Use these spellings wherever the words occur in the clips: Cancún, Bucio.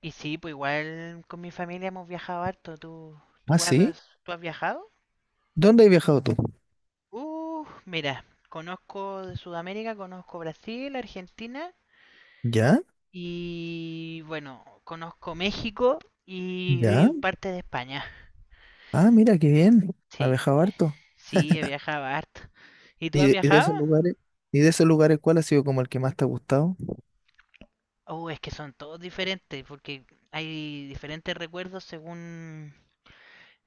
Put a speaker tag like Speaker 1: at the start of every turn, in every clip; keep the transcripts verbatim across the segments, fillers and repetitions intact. Speaker 1: Y sí, pues igual con mi familia hemos viajado harto. ¿Tú,
Speaker 2: Ah,
Speaker 1: tú
Speaker 2: sí.
Speaker 1: has, tú has viajado?
Speaker 2: ¿Dónde has viajado tú?
Speaker 1: Uh, mira, conozco de Sudamérica, conozco Brasil, Argentina
Speaker 2: ¿Ya?
Speaker 1: y bueno, conozco México
Speaker 2: ¿Ya?
Speaker 1: y parte de España.
Speaker 2: Ah, mira, qué bien. Has
Speaker 1: Sí,
Speaker 2: viajado harto.
Speaker 1: sí, he viajado harto. ¿Y tú
Speaker 2: ¿Y
Speaker 1: has
Speaker 2: de, y de
Speaker 1: viajado?
Speaker 2: esos lugares? ¿Y de esos lugares cuál ha sido como el que más te ha gustado?
Speaker 1: Oh, es que son todos diferentes porque hay diferentes recuerdos según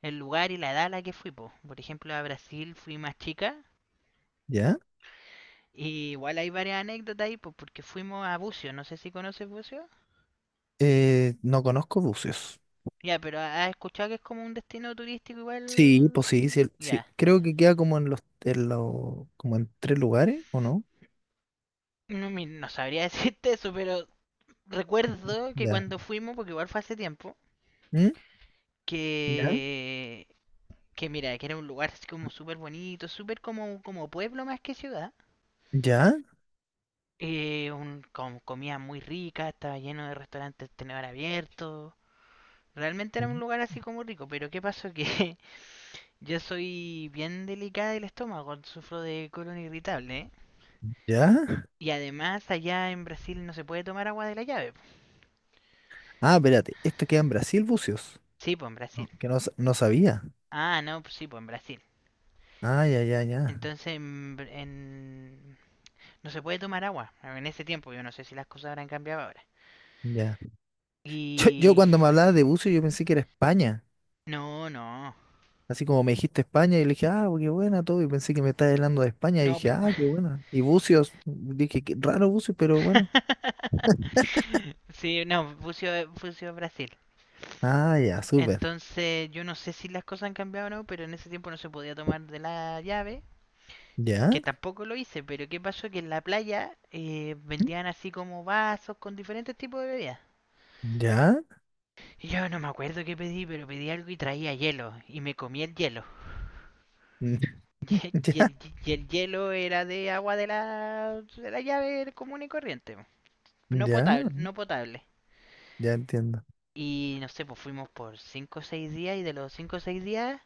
Speaker 1: el lugar y la edad a la que fui, po. Por ejemplo, a Brasil fui más chica.
Speaker 2: ¿Ya?
Speaker 1: Y igual hay varias anécdotas ahí, pues porque fuimos a Bucio, no sé si conoces Bucio.
Speaker 2: Eh, no conozco bucios.
Speaker 1: Ya, pero has escuchado que es como un destino turístico
Speaker 2: Sí,
Speaker 1: igual.
Speaker 2: pues sí, sí, sí.
Speaker 1: Ya.
Speaker 2: Creo que queda como en los, en los, como en tres lugares, ¿o no?
Speaker 1: No, mi- no sabría decirte eso, pero recuerdo que
Speaker 2: Ya.
Speaker 1: cuando fuimos, porque igual fue hace tiempo,
Speaker 2: ¿Mm? ¿Ya?
Speaker 1: que. que mira, que era un lugar así como súper bonito, súper como, como pueblo más que ciudad.
Speaker 2: ¿Ya?
Speaker 1: Eh, un, con comida muy rica, estaba lleno de restaurantes tenedor abierto. Realmente era un
Speaker 2: ¿Mm?
Speaker 1: lugar así como rico, pero ¿qué pasó? Que yo soy bien delicada del estómago, sufro de colon irritable, ¿eh?
Speaker 2: ¿Ya?
Speaker 1: Y además allá en Brasil no se puede tomar agua de la llave.
Speaker 2: Ah, espérate, esto queda en Brasil, Bucios.
Speaker 1: Sí, pues en
Speaker 2: No,
Speaker 1: Brasil.
Speaker 2: que no, sa- no sabía.
Speaker 1: Ah, no, pues sí, pues en Brasil.
Speaker 2: Ah, ya, ya, ya.
Speaker 1: Entonces en, en- no se puede tomar agua en ese tiempo. Yo no sé si las cosas habrán cambiado ahora.
Speaker 2: Ya. Yo, yo
Speaker 1: Y
Speaker 2: cuando me hablaba de Bucios, yo pensé que era España.
Speaker 1: no, no,
Speaker 2: Así como me dijiste España, y le dije, ah, qué buena todo, y pensé que me estabas hablando de España, y
Speaker 1: no.
Speaker 2: dije,
Speaker 1: pu-
Speaker 2: ah, qué buena. Y Bucios, dije, qué raro Bucios, pero bueno.
Speaker 1: sí, no, Bucio, Bucio Brasil.
Speaker 2: Ah, ya, súper.
Speaker 1: Entonces yo no sé si las cosas han cambiado o no, pero en ese tiempo no se podía tomar de la llave,
Speaker 2: ¿Ya?
Speaker 1: que tampoco lo hice, pero ¿qué pasó? Que en la playa eh,
Speaker 2: ¿Mm?
Speaker 1: vendían así como vasos con diferentes tipos de bebidas.
Speaker 2: ¿Ya?
Speaker 1: Y yo no me acuerdo qué pedí, pero pedí algo y traía hielo. Y me comí el hielo.
Speaker 2: ¿Mm?
Speaker 1: Y
Speaker 2: ¿Ya?
Speaker 1: el, y el hielo era de agua de la, de la llave común y corriente. No
Speaker 2: ¿Ya?
Speaker 1: potable, no potable.
Speaker 2: Ya entiendo.
Speaker 1: Y no sé, pues fuimos por cinco o seis días y de los cinco o seis días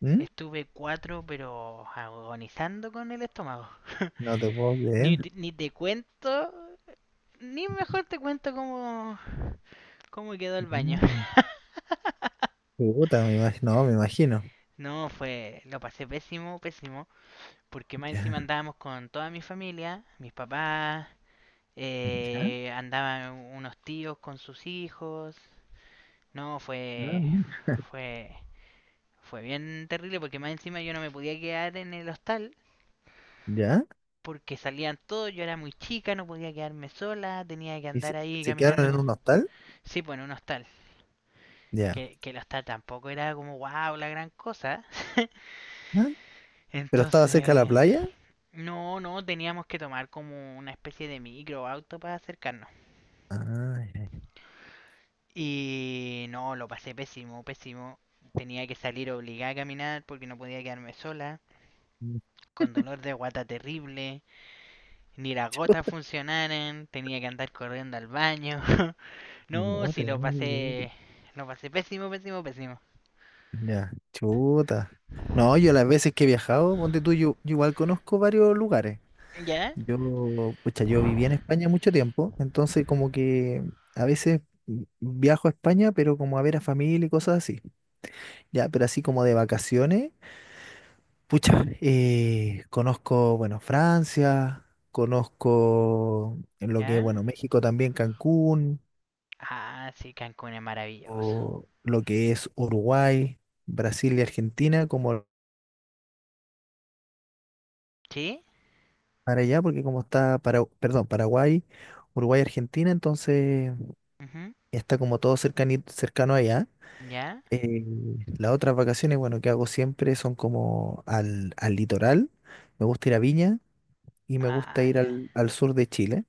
Speaker 2: ¿Mm?
Speaker 1: estuve cuatro pero agonizando con el estómago.
Speaker 2: No te puedo
Speaker 1: ni,
Speaker 2: creer.
Speaker 1: ni te cuento, ni mejor te cuento cómo, ¿cómo quedó el baño?
Speaker 2: Mm, Puta, me imagino, no, me imagino.
Speaker 1: No, fue, lo pasé pésimo, pésimo, porque más encima
Speaker 2: Ya,
Speaker 1: andábamos con toda mi familia, mis papás,
Speaker 2: ya,
Speaker 1: eh, andaban unos tíos con sus hijos. No,
Speaker 2: ah,
Speaker 1: fue,
Speaker 2: mira,
Speaker 1: fue, fue bien terrible porque más encima yo no me podía quedar en el hostal
Speaker 2: ya.
Speaker 1: porque salían todos, yo era muy chica, no podía quedarme sola, tenía que
Speaker 2: ¿Y
Speaker 1: andar
Speaker 2: se,
Speaker 1: ahí
Speaker 2: se
Speaker 1: caminando.
Speaker 2: quedaron en
Speaker 1: con-
Speaker 2: un hostal?
Speaker 1: Sí, bueno, un hostal,
Speaker 2: Ya.
Speaker 1: que, que el hostal tampoco era como wow, la gran cosa.
Speaker 2: Ah, ¿pero estaba cerca de la
Speaker 1: Entonces,
Speaker 2: playa?
Speaker 1: no, no, teníamos que tomar como una especie de micro o auto para acercarnos.
Speaker 2: Ah, ya, ya.
Speaker 1: Y no, lo pasé pésimo, pésimo. Tenía que salir obligada a caminar porque no podía quedarme sola,
Speaker 2: Mm,
Speaker 1: con dolor de guata terrible, ni las gotas funcionaran, tenía que andar corriendo al baño. No,
Speaker 2: no
Speaker 1: sí
Speaker 2: te
Speaker 1: lo
Speaker 2: puedo creer.
Speaker 1: pasé, lo pasé pésimo, pésimo, pésimo.
Speaker 2: Ya, chuta. No, yo las veces que he viajado, ponte tú, yo, yo igual conozco varios lugares.
Speaker 1: ¿Ya?
Speaker 2: Yo, pucha, yo viví en España mucho tiempo, entonces como que a veces viajo a España, pero como a ver a familia y cosas así. Ya, pero así como de vacaciones, pucha, eh, conozco, bueno, Francia, conozco en lo que es,
Speaker 1: ¿Ya?
Speaker 2: bueno, México también, Cancún,
Speaker 1: Ah, sí, Cancún es maravilloso.
Speaker 2: o lo que es Uruguay, Brasil y Argentina, como
Speaker 1: ¿Sí?
Speaker 2: para allá, porque como está, para, perdón, Paraguay, Uruguay, Argentina, entonces
Speaker 1: Ujú.
Speaker 2: está como todo cercani- cercano allá.
Speaker 1: ¿Ya?
Speaker 2: Eh, las otras vacaciones, bueno, que hago siempre son como al, al litoral, me gusta ir a Viña y me gusta
Speaker 1: Ah,
Speaker 2: ir
Speaker 1: ya.
Speaker 2: al, al sur de Chile,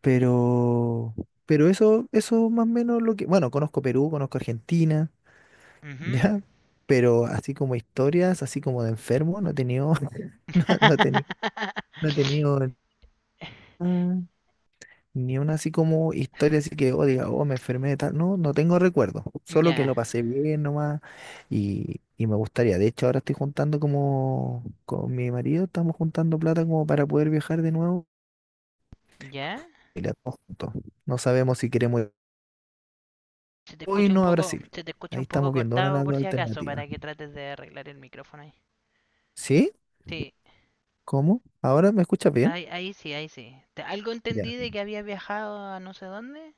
Speaker 2: pero, pero eso, eso más o menos lo que, bueno, conozco Perú, conozco Argentina,
Speaker 1: Ujú.
Speaker 2: ¿ya? Pero así como historias, así como de enfermo, no he tenido, no, no he tenido, no he tenido nada. Ni una así como historia así que, oh, diga, oh, me enfermé de tal. No, no tengo recuerdo. Solo que
Speaker 1: Ya,
Speaker 2: lo pasé bien nomás y, y me gustaría. De hecho, ahora estoy juntando como con mi marido, estamos juntando plata como para poder viajar de nuevo.
Speaker 1: ya.
Speaker 2: Y la todos juntos. No sabemos si queremos ir
Speaker 1: Se te
Speaker 2: hoy
Speaker 1: escucha un
Speaker 2: no a
Speaker 1: poco,
Speaker 2: Brasil.
Speaker 1: se te escucha
Speaker 2: Ahí
Speaker 1: un poco
Speaker 2: estamos viendo una de
Speaker 1: cortado
Speaker 2: las
Speaker 1: por
Speaker 2: dos
Speaker 1: si acaso, para
Speaker 2: alternativas.
Speaker 1: que trates de arreglar el micrófono ahí.
Speaker 2: ¿Sí?
Speaker 1: Sí,
Speaker 2: ¿Cómo? ¿Ahora me escuchas bien?
Speaker 1: ahí, ahí sí, ahí sí. Te- algo
Speaker 2: Ya.
Speaker 1: entendí de que había viajado a no sé dónde.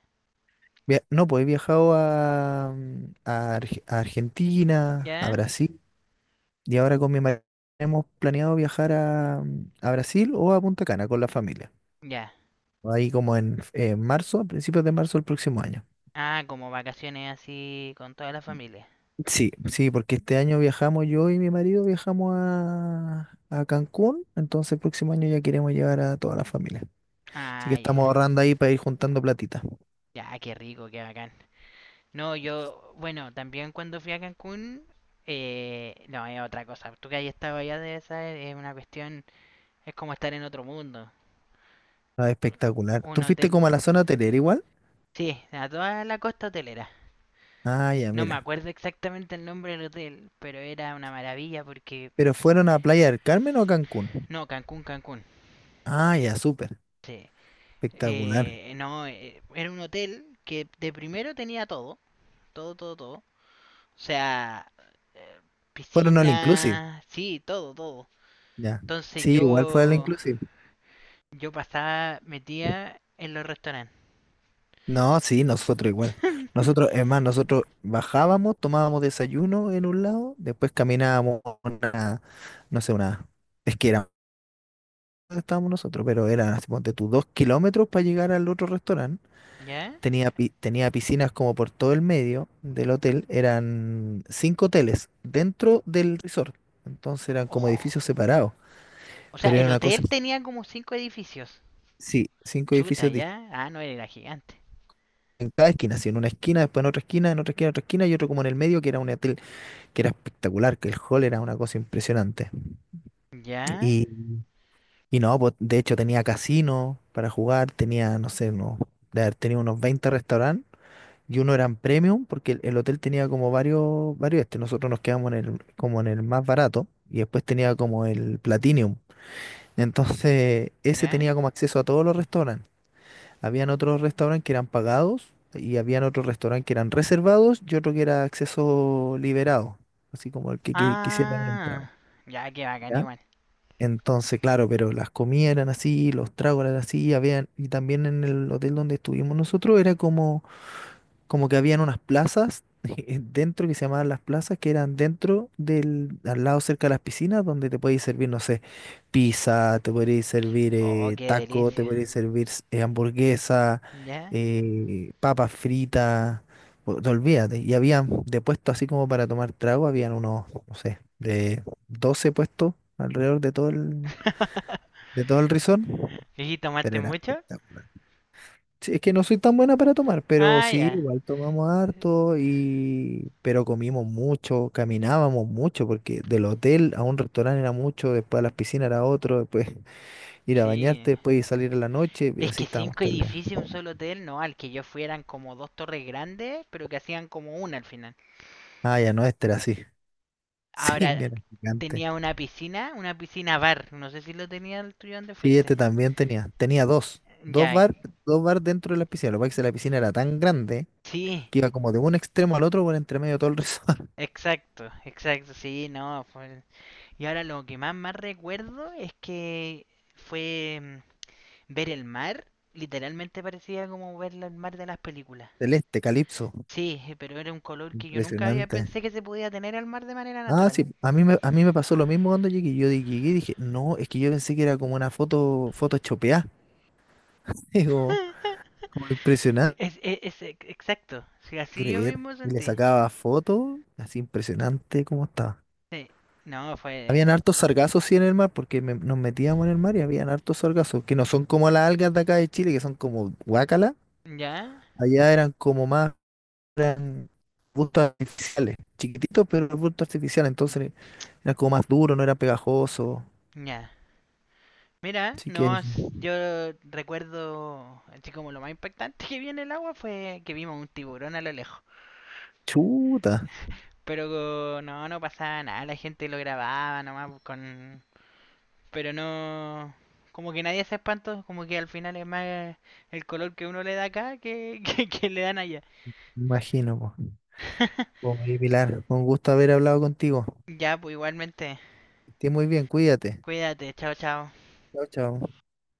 Speaker 2: Via- No, pues he viajado a, mm, a Arge- a Argentina, a
Speaker 1: Ya,
Speaker 2: Brasil. Y ahora con mi marido hemos planeado viajar a, mm, a Brasil o a Punta Cana con la familia.
Speaker 1: ya.
Speaker 2: Ahí como en, en marzo, a principios de marzo del próximo año.
Speaker 1: Ah, como vacaciones así con toda la familia.
Speaker 2: Sí, sí, porque este año viajamos yo y mi marido viajamos a, a Cancún, entonces el próximo año ya queremos llevar a toda la familia. Así que
Speaker 1: Ah,
Speaker 2: estamos
Speaker 1: ya.
Speaker 2: ahorrando ahí para ir juntando platita.
Speaker 1: Ya, qué rico, qué bacán. No, yo, bueno, también cuando fui a Cancún, eh, no, es otra cosa. Tú que hayas estado allá de esa es una cuestión. Es como estar en otro mundo.
Speaker 2: Ah,
Speaker 1: Un,
Speaker 2: espectacular.
Speaker 1: un
Speaker 2: ¿Tú fuiste
Speaker 1: hotel.
Speaker 2: como a la zona hotelera igual?
Speaker 1: Sí, a toda la costa hotelera.
Speaker 2: Ah, ya,
Speaker 1: No me
Speaker 2: mira.
Speaker 1: acuerdo exactamente el nombre del hotel, pero era una maravilla porque.
Speaker 2: ¿Pero fueron a Playa del Carmen o a Cancún?
Speaker 1: No, Cancún, Cancún.
Speaker 2: Ah, ya, súper.
Speaker 1: Sí.
Speaker 2: Espectacular.
Speaker 1: Eh, no, eh, era un hotel que de primero tenía todo. Todo, todo, todo. O sea, eh,
Speaker 2: Fueron al Inclusive.
Speaker 1: piscina. Sí, todo, todo.
Speaker 2: Ya.
Speaker 1: Entonces
Speaker 2: Sí, igual fue al
Speaker 1: yo.
Speaker 2: Inclusive.
Speaker 1: Yo pasaba, metía en los restaurantes.
Speaker 2: No, sí, nosotros igual. Nosotros, es más, nosotros bajábamos, tomábamos desayuno en un lado, después caminábamos una, no sé, una, es que era donde estábamos nosotros, pero era, así, ponte tú, dos kilómetros para llegar al otro restaurante.
Speaker 1: ¿Ya?
Speaker 2: Tenía, pi- tenía piscinas como por todo el medio del hotel, eran cinco hoteles dentro del resort, entonces eran como
Speaker 1: Ojo.
Speaker 2: edificios separados,
Speaker 1: O sea,
Speaker 2: pero era
Speaker 1: el
Speaker 2: una cosa,
Speaker 1: hotel tenía como cinco edificios.
Speaker 2: sí, cinco
Speaker 1: Chuta,
Speaker 2: edificios distintos
Speaker 1: ya. Ah, no, era gigante.
Speaker 2: en cada esquina, así, en una esquina, después en otra esquina, en otra esquina, en otra esquina y otro como en el medio que era un hotel que era espectacular, que el hall era una cosa impresionante.
Speaker 1: Ya,
Speaker 2: Y, y no, pues de hecho tenía casino para jugar, tenía, no sé, unos, de haber tenido unos veinte restaurantes y uno eran premium porque el, el hotel tenía como varios, varios este, nosotros nos quedamos en el, como en el más barato y después tenía como el platinum. Entonces, ese
Speaker 1: ya.
Speaker 2: tenía como acceso a todos los restaurantes. Habían otros restaurantes que eran pagados y habían otros restaurantes que eran reservados y otro que era acceso liberado, así como el que, qui- quisiera entrar.
Speaker 1: Ah, ya, qué bacán igual.
Speaker 2: Entonces, claro, pero las comidas eran así, los tragos eran así, habían, y también en el hotel donde estuvimos nosotros era como, como que habían unas plazas dentro que se llamaban las plazas, que eran dentro del, al lado cerca de las piscinas, donde te podías servir, no sé, pizza, te podías servir
Speaker 1: Oh,
Speaker 2: eh,
Speaker 1: qué
Speaker 2: taco,
Speaker 1: delicia.
Speaker 2: te podías servir eh, hamburguesa,
Speaker 1: Ya.
Speaker 2: eh, papas fritas, o- no, olvídate. Y habían de puesto así como para tomar trago, habían unos, no sé, de doce puestos alrededor de todo el, de todo el rizón,
Speaker 1: ¿Y
Speaker 2: pero
Speaker 1: tomaste
Speaker 2: era
Speaker 1: mucho?
Speaker 2: espectacular. Sí, es que no soy tan buena para tomar, pero
Speaker 1: Ah,
Speaker 2: sí,
Speaker 1: ya.
Speaker 2: igual tomamos harto y pero comimos mucho, caminábamos mucho, porque del hotel a un restaurante era mucho, después a las piscinas era otro, después ir a
Speaker 1: Sí.
Speaker 2: bañarte, después ir a salir en la noche, y
Speaker 1: Es
Speaker 2: así
Speaker 1: que
Speaker 2: estábamos
Speaker 1: cinco
Speaker 2: todo el día.
Speaker 1: edificios en un solo hotel, no, al que yo fui eran como dos torres grandes, pero que hacían como una al final.
Speaker 2: Ah, ya no, este era así. Sí,
Speaker 1: Ahora,
Speaker 2: que era gigante.
Speaker 1: tenía una piscina, una piscina bar, no sé si lo tenía el tuyo donde
Speaker 2: Sí, este
Speaker 1: fuiste.
Speaker 2: también tenía. Tenía dos. Dos
Speaker 1: Ya,
Speaker 2: bar, dos bar dentro de la piscina. Lo que pasa es que la piscina era tan grande
Speaker 1: sí,
Speaker 2: que iba como de un extremo al otro por entre medio de todo el resort.
Speaker 1: exacto, exacto, sí, no, fue... Y ahora lo que más, más recuerdo es que fue mm, ver el mar. Literalmente parecía como ver el mar de las películas.
Speaker 2: Celeste, calipso.
Speaker 1: Sí, eh, pero era un color que yo nunca había
Speaker 2: Impresionante.
Speaker 1: pensé que se podía tener al mar de manera
Speaker 2: Ah, sí,
Speaker 1: natural.
Speaker 2: a mí me, a mí me pasó lo mismo cuando llegué. Yo di- llegué y dije, no, es que yo pensé que era como una foto, foto chopeada. Digo, como impresionante,
Speaker 1: Es, es- es ex- exacto. Sí, así yo
Speaker 2: creer.
Speaker 1: mismo
Speaker 2: Y le
Speaker 1: sentí.
Speaker 2: sacaba fotos, así impresionante como estaba.
Speaker 1: Sí. No, fue...
Speaker 2: Habían hartos sargazos, sí, en el mar, porque me- nos metíamos en el mar y habían hartos sargazos, que no son como las algas de acá de Chile, que son como guácala.
Speaker 1: Ya,
Speaker 2: Allá eran como más, eran arbustos artificiales, chiquititos, pero arbustos artificiales, entonces eran como más duros, no eran pegajosos.
Speaker 1: ya. Mira,
Speaker 2: Así que
Speaker 1: no,
Speaker 2: eso.
Speaker 1: s- yo recuerdo, así como lo más impactante que vi en el agua fue que vimos un tiburón a lo lejos.
Speaker 2: Chuta,
Speaker 1: Pero no, no pasaba nada, la gente lo grababa nomás pues, con... Pero no... Como que nadie se espantó, como que al final es más el color que uno le da acá que, que, que le dan allá.
Speaker 2: me imagino, po. Oye, Pilar, un gusto haber hablado contigo.
Speaker 1: Ya, pues igualmente,
Speaker 2: Que estés muy bien, cuídate.
Speaker 1: cuídate, chao, chao.
Speaker 2: Chao, chao.